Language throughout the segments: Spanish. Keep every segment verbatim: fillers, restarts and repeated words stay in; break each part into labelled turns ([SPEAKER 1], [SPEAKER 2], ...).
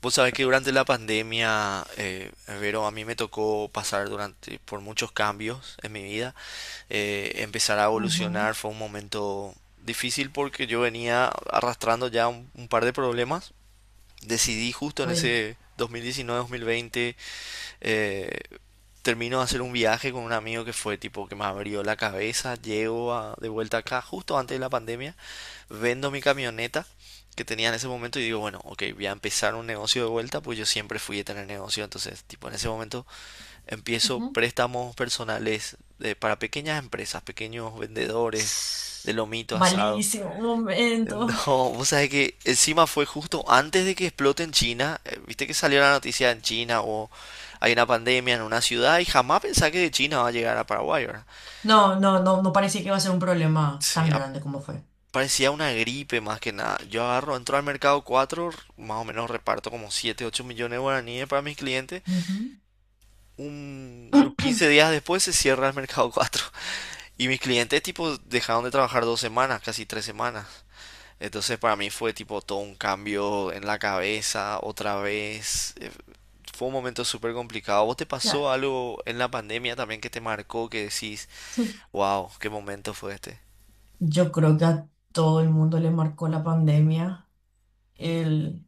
[SPEAKER 1] Vos sabés que durante la pandemia, eh, Vero, a mí me tocó pasar durante por muchos cambios en mi vida. Eh, empezar a
[SPEAKER 2] Ujú.
[SPEAKER 1] evolucionar fue un momento difícil porque yo venía arrastrando ya un, un par de problemas. Decidí justo en
[SPEAKER 2] Uy.
[SPEAKER 1] ese dos mil diecinueve-dos mil veinte, eh, termino de hacer un viaje con un amigo que fue tipo que me abrió la cabeza. Llego a- de vuelta acá justo antes de la pandemia, vendo mi camioneta que tenía en ese momento y digo, bueno, ok, voy a empezar un negocio de vuelta, pues yo siempre fui de tener negocio, entonces, tipo, en ese momento empiezo
[SPEAKER 2] Ujú.
[SPEAKER 1] préstamos personales, eh, para pequeñas empresas, pequeños vendedores de lomito asado.
[SPEAKER 2] Malísimo, un momento.
[SPEAKER 1] No, vos sabés que encima fue justo antes de que explote en China, eh, viste que salió la noticia en China o hay una pandemia en una ciudad y jamás pensé que de China va a llegar a Paraguay, ¿verdad?
[SPEAKER 2] No, no, no, no parecía que iba a ser un problema
[SPEAKER 1] Sí,
[SPEAKER 2] tan
[SPEAKER 1] a-
[SPEAKER 2] grande como fue.
[SPEAKER 1] parecía una gripe más que nada. Yo agarro, entro al mercado cuatro, más o menos reparto como siete, ocho millones de guaraníes para mis clientes.
[SPEAKER 2] Ujú.
[SPEAKER 1] Un- unos quince días después se cierra el mercado cuatro. Y mis clientes tipo dejaron de trabajar dos semanas, casi tres semanas. Entonces para mí fue tipo todo un cambio en la cabeza, otra vez. eh, Fue un momento súper complicado. ¿Vos te pasó
[SPEAKER 2] Ya,
[SPEAKER 1] algo en la pandemia también que te marcó que decís,
[SPEAKER 2] sí.
[SPEAKER 1] wow, qué momento fue este?
[SPEAKER 2] Yo creo que a todo el mundo le marcó la pandemia. El,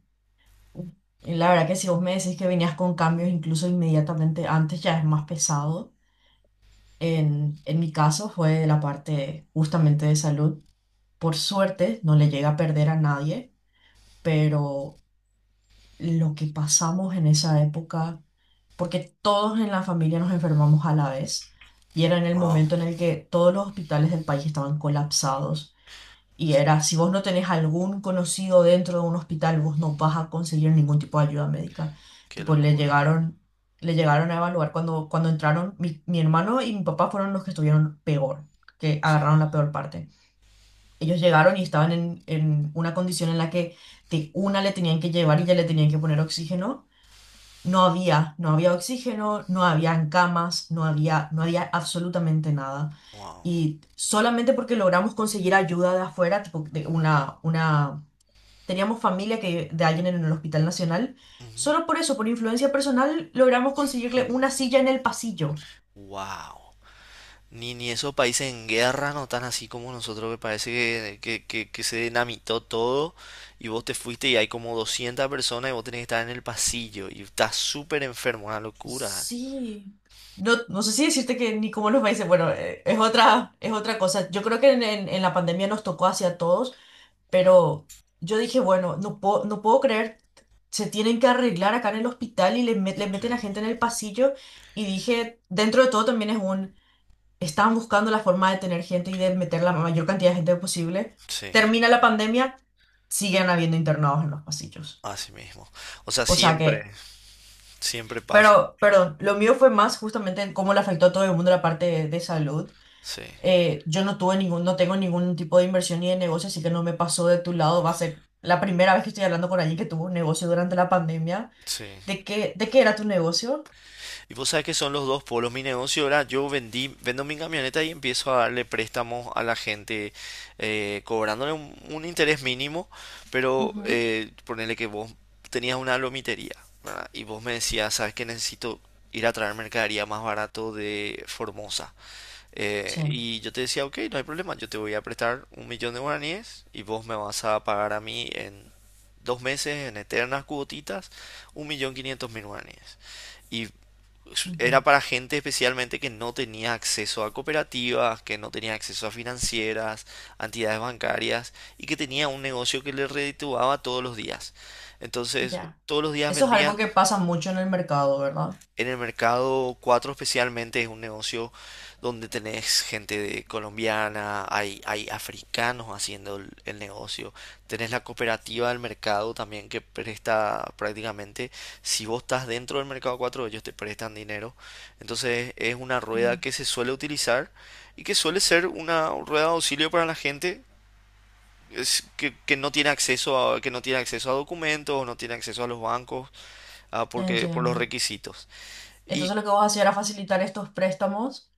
[SPEAKER 2] y la verdad que si vos me decís que venías con cambios incluso inmediatamente antes, ya es más pesado. En, en mi caso fue la parte justamente de salud. Por suerte no le llega a perder a nadie, pero lo que pasamos en esa época, porque todos en la familia nos enfermamos a la vez y era en el
[SPEAKER 1] Wow,
[SPEAKER 2] momento en el que todos los hospitales del país estaban colapsados y era, si vos no tenés algún conocido dentro de un hospital, vos no vas a conseguir ningún tipo de ayuda médica.
[SPEAKER 1] qué
[SPEAKER 2] Tipo, le
[SPEAKER 1] locura.
[SPEAKER 2] llegaron, le llegaron a evaluar cuando, cuando entraron, mi, mi hermano y mi papá fueron los que estuvieron peor, que
[SPEAKER 1] Sí.
[SPEAKER 2] agarraron la peor parte. Ellos llegaron y estaban en, en una condición en la que de una le tenían que llevar y ya le tenían que poner oxígeno. No había, no había oxígeno, no habían camas, no había, no había absolutamente nada.
[SPEAKER 1] Wow.
[SPEAKER 2] Y solamente porque logramos conseguir ayuda de afuera, tipo de una, una, teníamos familia que, de alguien en el Hospital Nacional,
[SPEAKER 1] Ujú.
[SPEAKER 2] solo por eso, por influencia personal, logramos
[SPEAKER 1] Sí.
[SPEAKER 2] conseguirle una silla en el pasillo.
[SPEAKER 1] Wow. Ni, ni esos países en guerra no tan así como nosotros, que parece que, que, que- que se dinamitó todo y vos te fuiste y hay como doscientas personas y vos tenés que estar en el pasillo y estás súper enfermo, una locura.
[SPEAKER 2] Sí. No, no sé si decirte que ni como los países, bueno, eh, es otra, es otra cosa. Yo creo que en, en en la pandemia nos tocó hacia todos. Pero yo dije, bueno, no puedo, no puedo creer, se tienen que arreglar acá en el hospital y le, met- le
[SPEAKER 1] Sí,
[SPEAKER 2] meten a gente en el pasillo. Y dije, dentro de todo también es un, estaban buscando la forma de tener gente y de meter la mayor cantidad de gente posible.
[SPEAKER 1] sí,
[SPEAKER 2] Termina la pandemia, siguen habiendo internados en los pasillos.
[SPEAKER 1] así mismo. O sea,
[SPEAKER 2] O sea que,
[SPEAKER 1] siempre, siempre pasa.
[SPEAKER 2] pero, perdón, lo mío fue más justamente en cómo le afectó a todo el mundo la parte de, de salud.
[SPEAKER 1] Sí,
[SPEAKER 2] Eh, yo no tuve ningún, no tengo ningún tipo de inversión ni de negocio, así que no me pasó de tu lado. Va a ser la primera vez que estoy hablando con alguien que tuvo un negocio durante la pandemia.
[SPEAKER 1] sí.
[SPEAKER 2] ¿De qué, de qué era tu negocio?
[SPEAKER 1] Y vos sabés que son los dos polos. Mi negocio ahora, yo vendí, vendo mi camioneta y empiezo a darle préstamos a la gente, eh, cobrándole un, un interés mínimo, pero
[SPEAKER 2] Ujú.
[SPEAKER 1] eh, ponele que vos tenías una lomitería, ¿verdad? Y vos me decías, sabes que necesito ir a traer mercadería más barato de Formosa. Eh,
[SPEAKER 2] Sí.
[SPEAKER 1] y yo te decía, ok, no hay problema, yo te voy a prestar un millón de guaraníes y vos me vas a pagar a mí en dos meses, en eternas cuotitas, un millón quinientos mil guaraníes. Y
[SPEAKER 2] Ujú.
[SPEAKER 1] era para gente especialmente que no tenía acceso a cooperativas, que no tenía acceso a financieras, a entidades bancarias y que tenía un negocio que le redituaba todos los días. Entonces,
[SPEAKER 2] Ya.
[SPEAKER 1] todos los días
[SPEAKER 2] Eso es algo
[SPEAKER 1] vendían
[SPEAKER 2] que pasa mucho en el mercado, ¿verdad?
[SPEAKER 1] en el mercado cuatro especialmente. Es un negocio donde tenés gente de colombiana, hay, hay africanos haciendo el, el negocio, tenés la cooperativa del mercado también que presta prácticamente, si vos estás dentro del mercado cuatro ellos te prestan dinero, entonces es una rueda
[SPEAKER 2] Mm,
[SPEAKER 1] que se suele utilizar y que suele ser una rueda de auxilio para la gente es que, que no tiene acceso a, que no tiene acceso a documentos, no tiene acceso a los bancos, ah,
[SPEAKER 2] ya
[SPEAKER 1] porque por los
[SPEAKER 2] entiendo.
[SPEAKER 1] requisitos. Y
[SPEAKER 2] Entonces lo que vos hacías era facilitar estos préstamos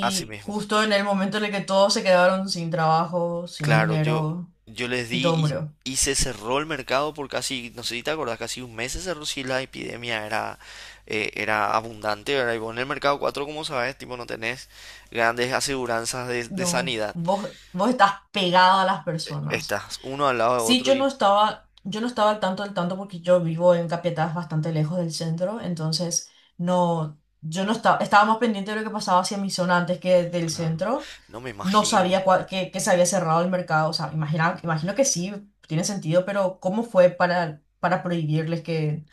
[SPEAKER 1] así mismo.
[SPEAKER 2] justo en el momento en el que todos se quedaron sin trabajo, sin
[SPEAKER 1] Claro, yo,
[SPEAKER 2] dinero
[SPEAKER 1] yo les
[SPEAKER 2] y todo
[SPEAKER 1] di
[SPEAKER 2] murió.
[SPEAKER 1] y, y se cerró el mercado por casi, no sé si te acordás, casi un mes se cerró. Si la epidemia era, eh, era abundante, ¿verdad? Y vos en el mercado cuatro como sabes, tipo, no tenés grandes aseguranzas de, de
[SPEAKER 2] No,
[SPEAKER 1] sanidad.
[SPEAKER 2] vos, vos estás pegado a las personas.
[SPEAKER 1] Estás uno al lado de
[SPEAKER 2] Sí,
[SPEAKER 1] otro
[SPEAKER 2] yo no
[SPEAKER 1] y,
[SPEAKER 2] estaba, yo no estaba al tanto del tanto porque yo vivo en Capiatá, es bastante lejos del centro, entonces no, yo no estaba, estaba más pendiente de lo que pasaba hacia mi zona antes que del
[SPEAKER 1] claro,
[SPEAKER 2] centro.
[SPEAKER 1] no me
[SPEAKER 2] No
[SPEAKER 1] imagino.
[SPEAKER 2] sabía cuál- que, que se había cerrado el mercado, o sea, imagina, imagino que sí, tiene sentido, pero ¿cómo fue para, para prohibirles que,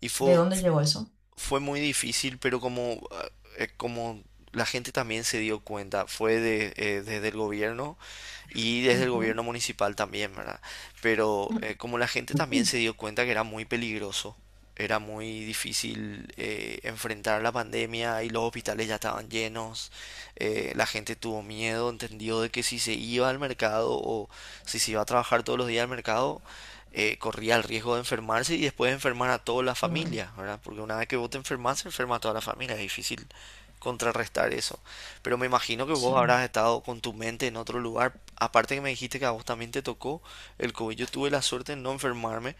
[SPEAKER 1] Y
[SPEAKER 2] de
[SPEAKER 1] fue,
[SPEAKER 2] dónde llegó eso?
[SPEAKER 1] fue muy difícil, pero como, eh, como la gente también se dio cuenta, fue de, eh, desde el gobierno y desde el gobierno municipal también, ¿verdad? Pero eh, como la gente también se dio cuenta que era muy peligroso, era muy difícil eh, enfrentar la pandemia y los hospitales ya estaban llenos, eh, la gente tuvo miedo, entendió de que si se iba al mercado o si se iba a trabajar todos los días al mercado, eh, corría el riesgo de enfermarse y después de enfermar a toda la
[SPEAKER 2] Claro,
[SPEAKER 1] familia, ¿verdad? Porque una vez que vos te enfermas, se enferma a toda la familia, es difícil contrarrestar eso. Pero me imagino que
[SPEAKER 2] sí.
[SPEAKER 1] vos habrás estado con tu mente en otro lugar. Aparte que me dijiste que a vos también te tocó el COVID. Yo tuve la suerte de no enfermarme,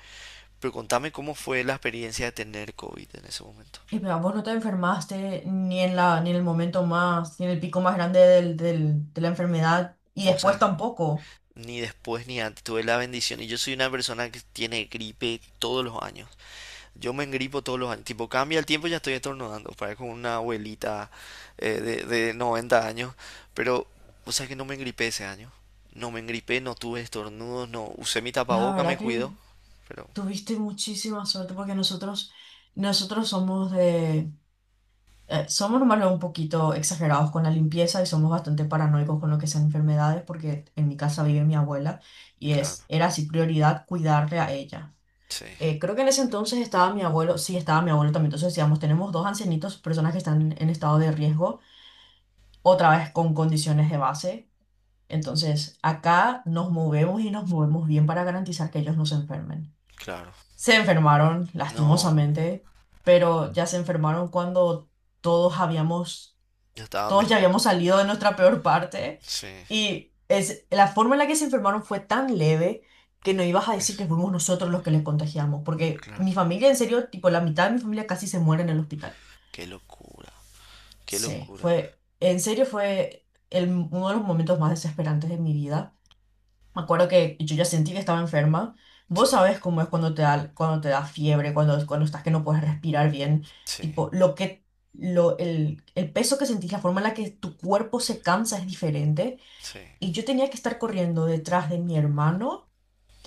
[SPEAKER 1] pero contame cómo fue la experiencia de tener COVID en ese momento.
[SPEAKER 2] ¿Y pero vos no te enfermaste ni en la, ni en el momento más, ni en el pico más grande del, del- de la enfermedad, y
[SPEAKER 1] Vos
[SPEAKER 2] después
[SPEAKER 1] sabés que
[SPEAKER 2] tampoco?
[SPEAKER 1] ni después ni antes tuve la bendición y yo soy una persona que tiene gripe todos los años. Yo me engripo todos los años. Tipo, cambia el tiempo y ya estoy estornudando. Parezco una abuelita, eh, de, de noventa años. Pero, o sea que no me engripé ese año. No me engripé, no tuve estornudos, no. Usé mi
[SPEAKER 2] La
[SPEAKER 1] tapaboca, me
[SPEAKER 2] verdad
[SPEAKER 1] cuido.
[SPEAKER 2] que
[SPEAKER 1] Pero,
[SPEAKER 2] tuviste muchísima suerte porque nosotros, nosotros somos de, eh, somos normalmente un poquito exagerados con la limpieza y somos bastante paranoicos con lo que sean enfermedades porque en mi casa vive mi abuela y
[SPEAKER 1] claro,
[SPEAKER 2] es, era así prioridad cuidarle a ella.
[SPEAKER 1] sí,
[SPEAKER 2] Eh, creo que en ese entonces estaba mi abuelo, sí estaba mi abuelo también, entonces decíamos, tenemos dos ancianitos, personas que están en estado de riesgo, otra vez con condiciones de base. Entonces, acá nos movemos y nos movemos bien para garantizar que ellos no se enfermen.
[SPEAKER 1] claro.
[SPEAKER 2] Se enfermaron,
[SPEAKER 1] No,
[SPEAKER 2] lastimosamente, pero ya se enfermaron cuando todos habíamos,
[SPEAKER 1] yo estaba
[SPEAKER 2] todos ya
[SPEAKER 1] mejor.
[SPEAKER 2] habíamos salido de nuestra peor parte
[SPEAKER 1] Sí,
[SPEAKER 2] y es, la forma en la que se enfermaron fue tan leve que no ibas a
[SPEAKER 1] ¿qué
[SPEAKER 2] decir que
[SPEAKER 1] es?
[SPEAKER 2] fuimos nosotros los que les contagiamos, porque mi
[SPEAKER 1] Claro.
[SPEAKER 2] familia, en serio, tipo la mitad de mi familia casi se muere en el hospital.
[SPEAKER 1] Qué locura, qué
[SPEAKER 2] Sí,
[SPEAKER 1] locura.
[SPEAKER 2] fue, en serio fue el, uno de los momentos más desesperantes de mi vida. Me acuerdo que yo ya sentí que estaba enferma. Vos
[SPEAKER 1] Sí,
[SPEAKER 2] sabés cómo es cuando te da, cuando te da fiebre, cuando, cuando estás que no puedes respirar bien.
[SPEAKER 1] sí,
[SPEAKER 2] Tipo, lo que, lo, el, el peso que sentís, la forma en la que tu cuerpo se cansa es diferente.
[SPEAKER 1] sí.
[SPEAKER 2] Y yo tenía que estar corriendo detrás de mi hermano,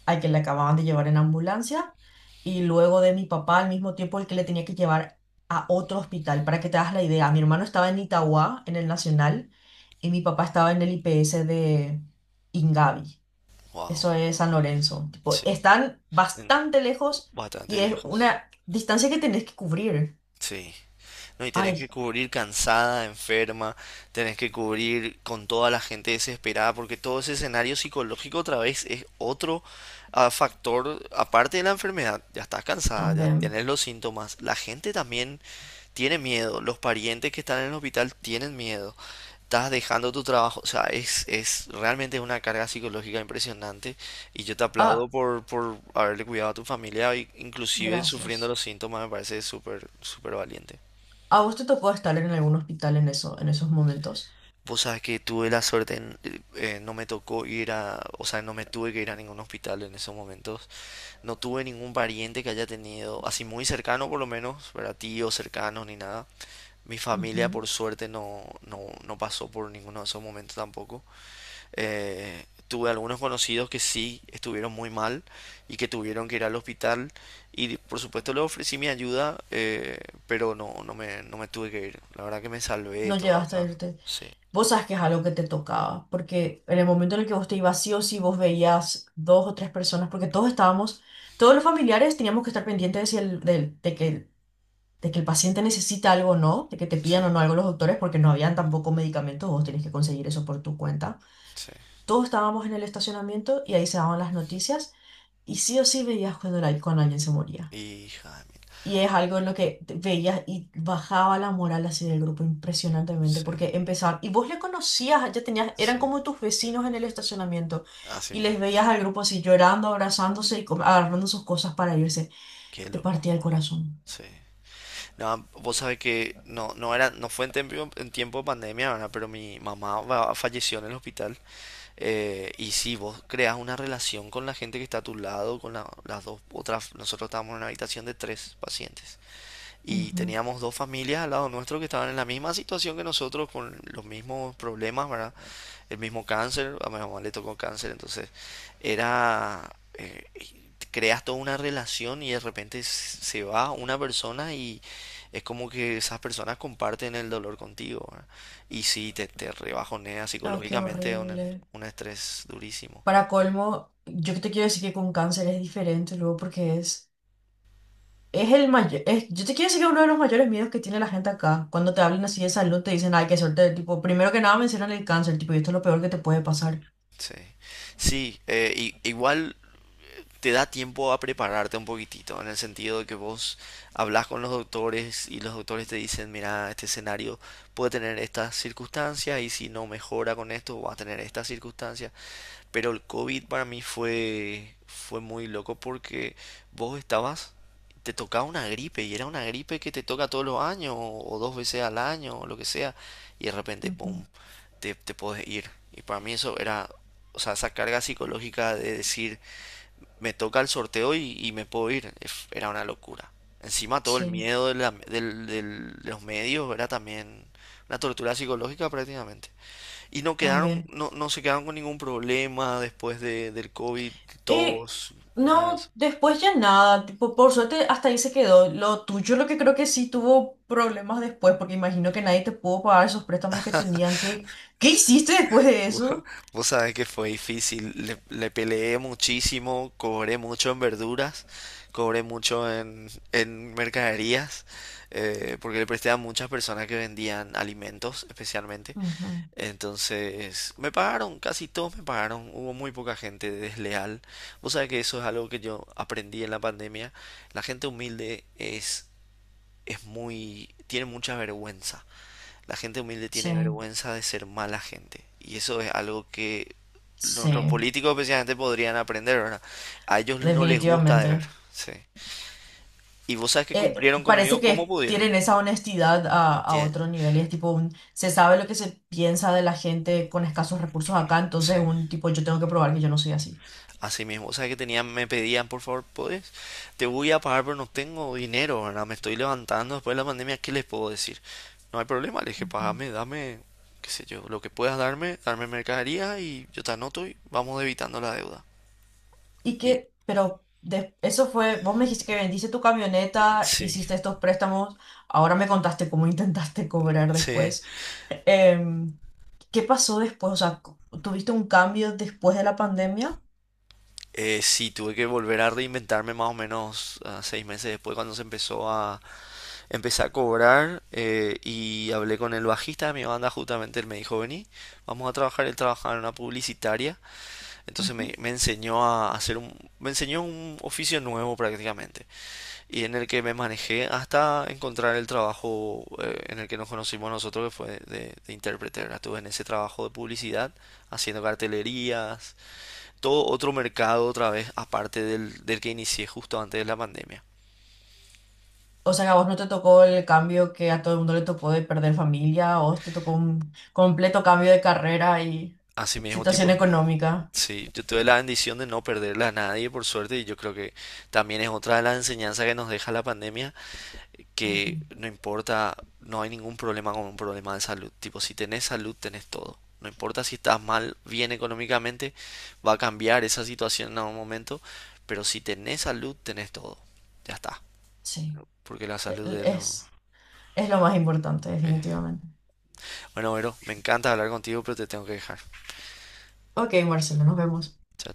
[SPEAKER 2] al que le acababan de llevar en ambulancia, y luego de mi papá al mismo tiempo, el que le tenía que llevar a otro hospital. Para que te hagas la idea, mi hermano estaba en Itauguá, en el Nacional, y mi papá estaba en el I P S de Ingavi.
[SPEAKER 1] Wow,
[SPEAKER 2] Eso es San Lorenzo. Tipo,
[SPEAKER 1] sí.
[SPEAKER 2] están
[SPEAKER 1] En-
[SPEAKER 2] bastante lejos
[SPEAKER 1] bastante
[SPEAKER 2] y es
[SPEAKER 1] lejos.
[SPEAKER 2] una distancia que tenés que cubrir.
[SPEAKER 1] Sí, no, y tenés que
[SPEAKER 2] Ay,
[SPEAKER 1] cubrir cansada, enferma, tenés que cubrir con toda la gente desesperada, porque todo ese escenario psicológico otra vez es otro, ah, factor, aparte de la enfermedad, ya estás cansada, ya
[SPEAKER 2] también.
[SPEAKER 1] tienes los síntomas, la gente también tiene miedo, los parientes que están en el hospital tienen miedo, estás dejando tu trabajo, o sea, es, es realmente una carga psicológica impresionante y yo te aplaudo
[SPEAKER 2] Ah,
[SPEAKER 1] por, por haberle cuidado a tu familia, y inclusive sufriendo los
[SPEAKER 2] gracias.
[SPEAKER 1] síntomas, me parece súper, súper valiente.
[SPEAKER 2] ¿A vos te tocó estar en algún hospital en eso, en esos momentos?
[SPEAKER 1] Vos sabés que tuve la suerte, en- eh, eh, no me tocó ir a, o sea, no me tuve que ir a ningún hospital en esos momentos. No tuve ningún pariente que haya tenido, así muy cercano por lo menos, para tíos cercanos ni nada. Mi familia
[SPEAKER 2] Ujú.
[SPEAKER 1] por suerte no, no, no pasó por ninguno de esos momentos tampoco. Eh, tuve algunos conocidos que sí estuvieron muy mal y que tuvieron que ir al hospital y por supuesto les ofrecí mi ayuda, eh, pero no, no me, no me tuve que ir. La verdad que me salvé de
[SPEAKER 2] No
[SPEAKER 1] toda
[SPEAKER 2] llegaste a
[SPEAKER 1] esa...
[SPEAKER 2] irte.
[SPEAKER 1] Sí,
[SPEAKER 2] Vos sabes que es algo que te tocaba, porque en el momento en el que vos te ibas sí o sí, vos veías dos o tres personas, porque todos estábamos, todos los familiares teníamos que estar pendientes de, si el- del- de que de que el paciente necesita algo o no, de que te
[SPEAKER 1] sí,
[SPEAKER 2] pidan o no algo los doctores, porque no habían tampoco medicamentos, vos tenés que conseguir eso por tu cuenta.
[SPEAKER 1] sí.
[SPEAKER 2] Todos estábamos en el estacionamiento y ahí se daban las noticias y sí o sí veías cuando, la- cuando alguien se moría.
[SPEAKER 1] Hija de mí.
[SPEAKER 2] Y es algo en lo que te- veías y bajaba la moral así del grupo impresionantemente
[SPEAKER 1] Sí,
[SPEAKER 2] porque empezaban, y vos le conocías, ya tenías, eran
[SPEAKER 1] sí.
[SPEAKER 2] como tus vecinos en el estacionamiento
[SPEAKER 1] Así
[SPEAKER 2] y les
[SPEAKER 1] mismo.
[SPEAKER 2] veías al grupo así llorando, abrazándose y com- agarrando sus cosas para irse.
[SPEAKER 1] Qué
[SPEAKER 2] Te partía el
[SPEAKER 1] locura.
[SPEAKER 2] corazón.
[SPEAKER 1] Sí. No, vos sabés que no, no era, no fue en tiempo, en tiempo de pandemia, ¿verdad? Pero mi mamá va- falleció en el hospital. eh, y si vos creas una relación con la gente que está a tu lado, con la- las dos otras, nosotros estábamos en una habitación de tres pacientes. Y
[SPEAKER 2] Ujú.
[SPEAKER 1] teníamos dos familias al lado nuestro que estaban en la misma situación que nosotros, con los mismos problemas, ¿verdad? El mismo cáncer, a mi mamá le tocó cáncer, entonces Era, eh, creas toda una relación y de repente s- se va una persona y es como que esas personas comparten el dolor contigo, ¿verdad? Y sí, te, te rebajonea
[SPEAKER 2] Ay, qué
[SPEAKER 1] psicológicamente, es un,
[SPEAKER 2] horrible.
[SPEAKER 1] un estrés durísimo.
[SPEAKER 2] Para colmo, yo te quiero decir que con cáncer es diferente luego porque es, es el mayor, es, yo te quiero decir que uno de los mayores miedos que tiene la gente acá, cuando te hablan así de salud, te dicen, ay, qué suerte, tipo, primero que nada mencionan el cáncer, tipo, y esto es lo peor que te puede pasar.
[SPEAKER 1] Sí, sí, eh, i- igual te da tiempo a prepararte un poquitito, en el sentido de que vos hablas con los doctores y los doctores te dicen, mira, este escenario puede tener estas circunstancias y si no mejora con esto, va a tener estas circunstancias. Pero el COVID para mí fue, fue muy loco porque vos estabas, te tocaba una gripe y era una gripe que te toca todos los años o, o dos veces al año o lo que sea y de repente,
[SPEAKER 2] Ujú.
[SPEAKER 1] ¡pum!, te, te podés ir. Y para mí eso era, o sea, esa carga psicológica de decir, me toca el sorteo y, y me puedo ir, es- era una locura. Encima todo el
[SPEAKER 2] Sí,
[SPEAKER 1] miedo de, la- del- del- de los medios era también una tortura psicológica prácticamente. Y no quedaron,
[SPEAKER 2] también.
[SPEAKER 1] no, no se quedaron con ningún problema después de, del COVID,
[SPEAKER 2] Y
[SPEAKER 1] todos, nada de eso.
[SPEAKER 2] no, después ya nada, tipo, por suerte hasta ahí se quedó. Lo tuyo, lo que creo que sí tuvo problemas después, porque imagino que nadie te pudo pagar esos préstamos que tenían. ¿Qué, qué hiciste después de
[SPEAKER 1] Vos
[SPEAKER 2] eso?
[SPEAKER 1] vos sabés que fue difícil, le, le peleé muchísimo, cobré mucho en verduras, cobré mucho en, en mercaderías, eh, porque le presté a muchas personas que vendían alimentos especialmente.
[SPEAKER 2] Ujú.
[SPEAKER 1] Entonces, me pagaron, casi todos me pagaron, hubo muy poca gente desleal. Vos sabés que eso es algo que yo aprendí en la pandemia, la gente humilde es es muy, tiene mucha vergüenza. La gente humilde
[SPEAKER 2] Sí,
[SPEAKER 1] tiene vergüenza de ser mala gente. Y eso es algo que nuestros
[SPEAKER 2] sí.
[SPEAKER 1] políticos especialmente podrían aprender, ¿verdad? A ellos no les gusta de ver.
[SPEAKER 2] Definitivamente.
[SPEAKER 1] Sí. Y vos sabes que
[SPEAKER 2] Eh,
[SPEAKER 1] cumplieron
[SPEAKER 2] parece
[SPEAKER 1] conmigo como
[SPEAKER 2] que
[SPEAKER 1] pudieron.
[SPEAKER 2] tienen esa honestidad a, a
[SPEAKER 1] Tien-
[SPEAKER 2] otro nivel y es tipo un, se sabe lo que se piensa de la gente con escasos recursos acá,
[SPEAKER 1] Sí.
[SPEAKER 2] entonces un tipo, yo tengo que probar que yo no soy así.
[SPEAKER 1] Así mismo, o sea que tenían, me pedían, por favor, ¿puedes? Te voy a pagar, pero no tengo dinero, ¿verdad? Me estoy levantando después de la pandemia, ¿qué les puedo decir? No hay problema, le dije,
[SPEAKER 2] Ujú.
[SPEAKER 1] pagame, dame, qué sé yo, lo que puedas darme, darme mercadería y yo te anoto y vamos debitando la deuda.
[SPEAKER 2] Y
[SPEAKER 1] Y
[SPEAKER 2] que, pero de- eso fue, vos me dijiste que vendiste tu camioneta,
[SPEAKER 1] sí,
[SPEAKER 2] hiciste estos préstamos, ahora me contaste cómo intentaste cobrar
[SPEAKER 1] sí,
[SPEAKER 2] después. Em, ¿Qué pasó después? O sea, ¿tuviste un cambio después de la pandemia?
[SPEAKER 1] eh, sí, tuve que volver a reinventarme más o menos, ah, seis meses después cuando se empezó a empezar a cobrar, eh, y hablé con el bajista de mi banda justamente, él me dijo, vení, vamos a trabajar, él trabajaba en una publicitaria. Entonces me, me enseñó a hacer un, me enseñó un oficio nuevo prácticamente y en el que me manejé hasta encontrar el trabajo, eh, en el que nos conocimos nosotros que fue de, de intérprete, ¿verdad? Estuve en ese trabajo de publicidad haciendo cartelerías, todo otro mercado otra vez aparte del, del que inicié justo antes de la pandemia.
[SPEAKER 2] O sea, que a vos no te tocó el cambio que a todo el mundo le tocó de perder familia, o te tocó un completo cambio de carrera y
[SPEAKER 1] Así mismo,
[SPEAKER 2] situación
[SPEAKER 1] tipo,
[SPEAKER 2] económica.
[SPEAKER 1] sí, yo tuve la bendición de no perderla a nadie, por suerte, y yo creo que también es otra de las enseñanzas que nos deja la pandemia,
[SPEAKER 2] Ujú.
[SPEAKER 1] que no importa, no hay ningún problema con un problema de salud. Tipo, si tenés salud, tenés todo. No importa si estás mal, bien económicamente, va a cambiar esa situación en algún momento, pero si tenés salud, tenés todo. Ya está,
[SPEAKER 2] Sí.
[SPEAKER 1] porque la salud
[SPEAKER 2] El-
[SPEAKER 1] es lo...
[SPEAKER 2] es, es lo más importante,
[SPEAKER 1] eh.
[SPEAKER 2] definitivamente.
[SPEAKER 1] Bueno, Vero, me encanta hablar contigo, pero te tengo que dejar.
[SPEAKER 2] Ok, Marcelo, nos vemos.
[SPEAKER 1] Chao,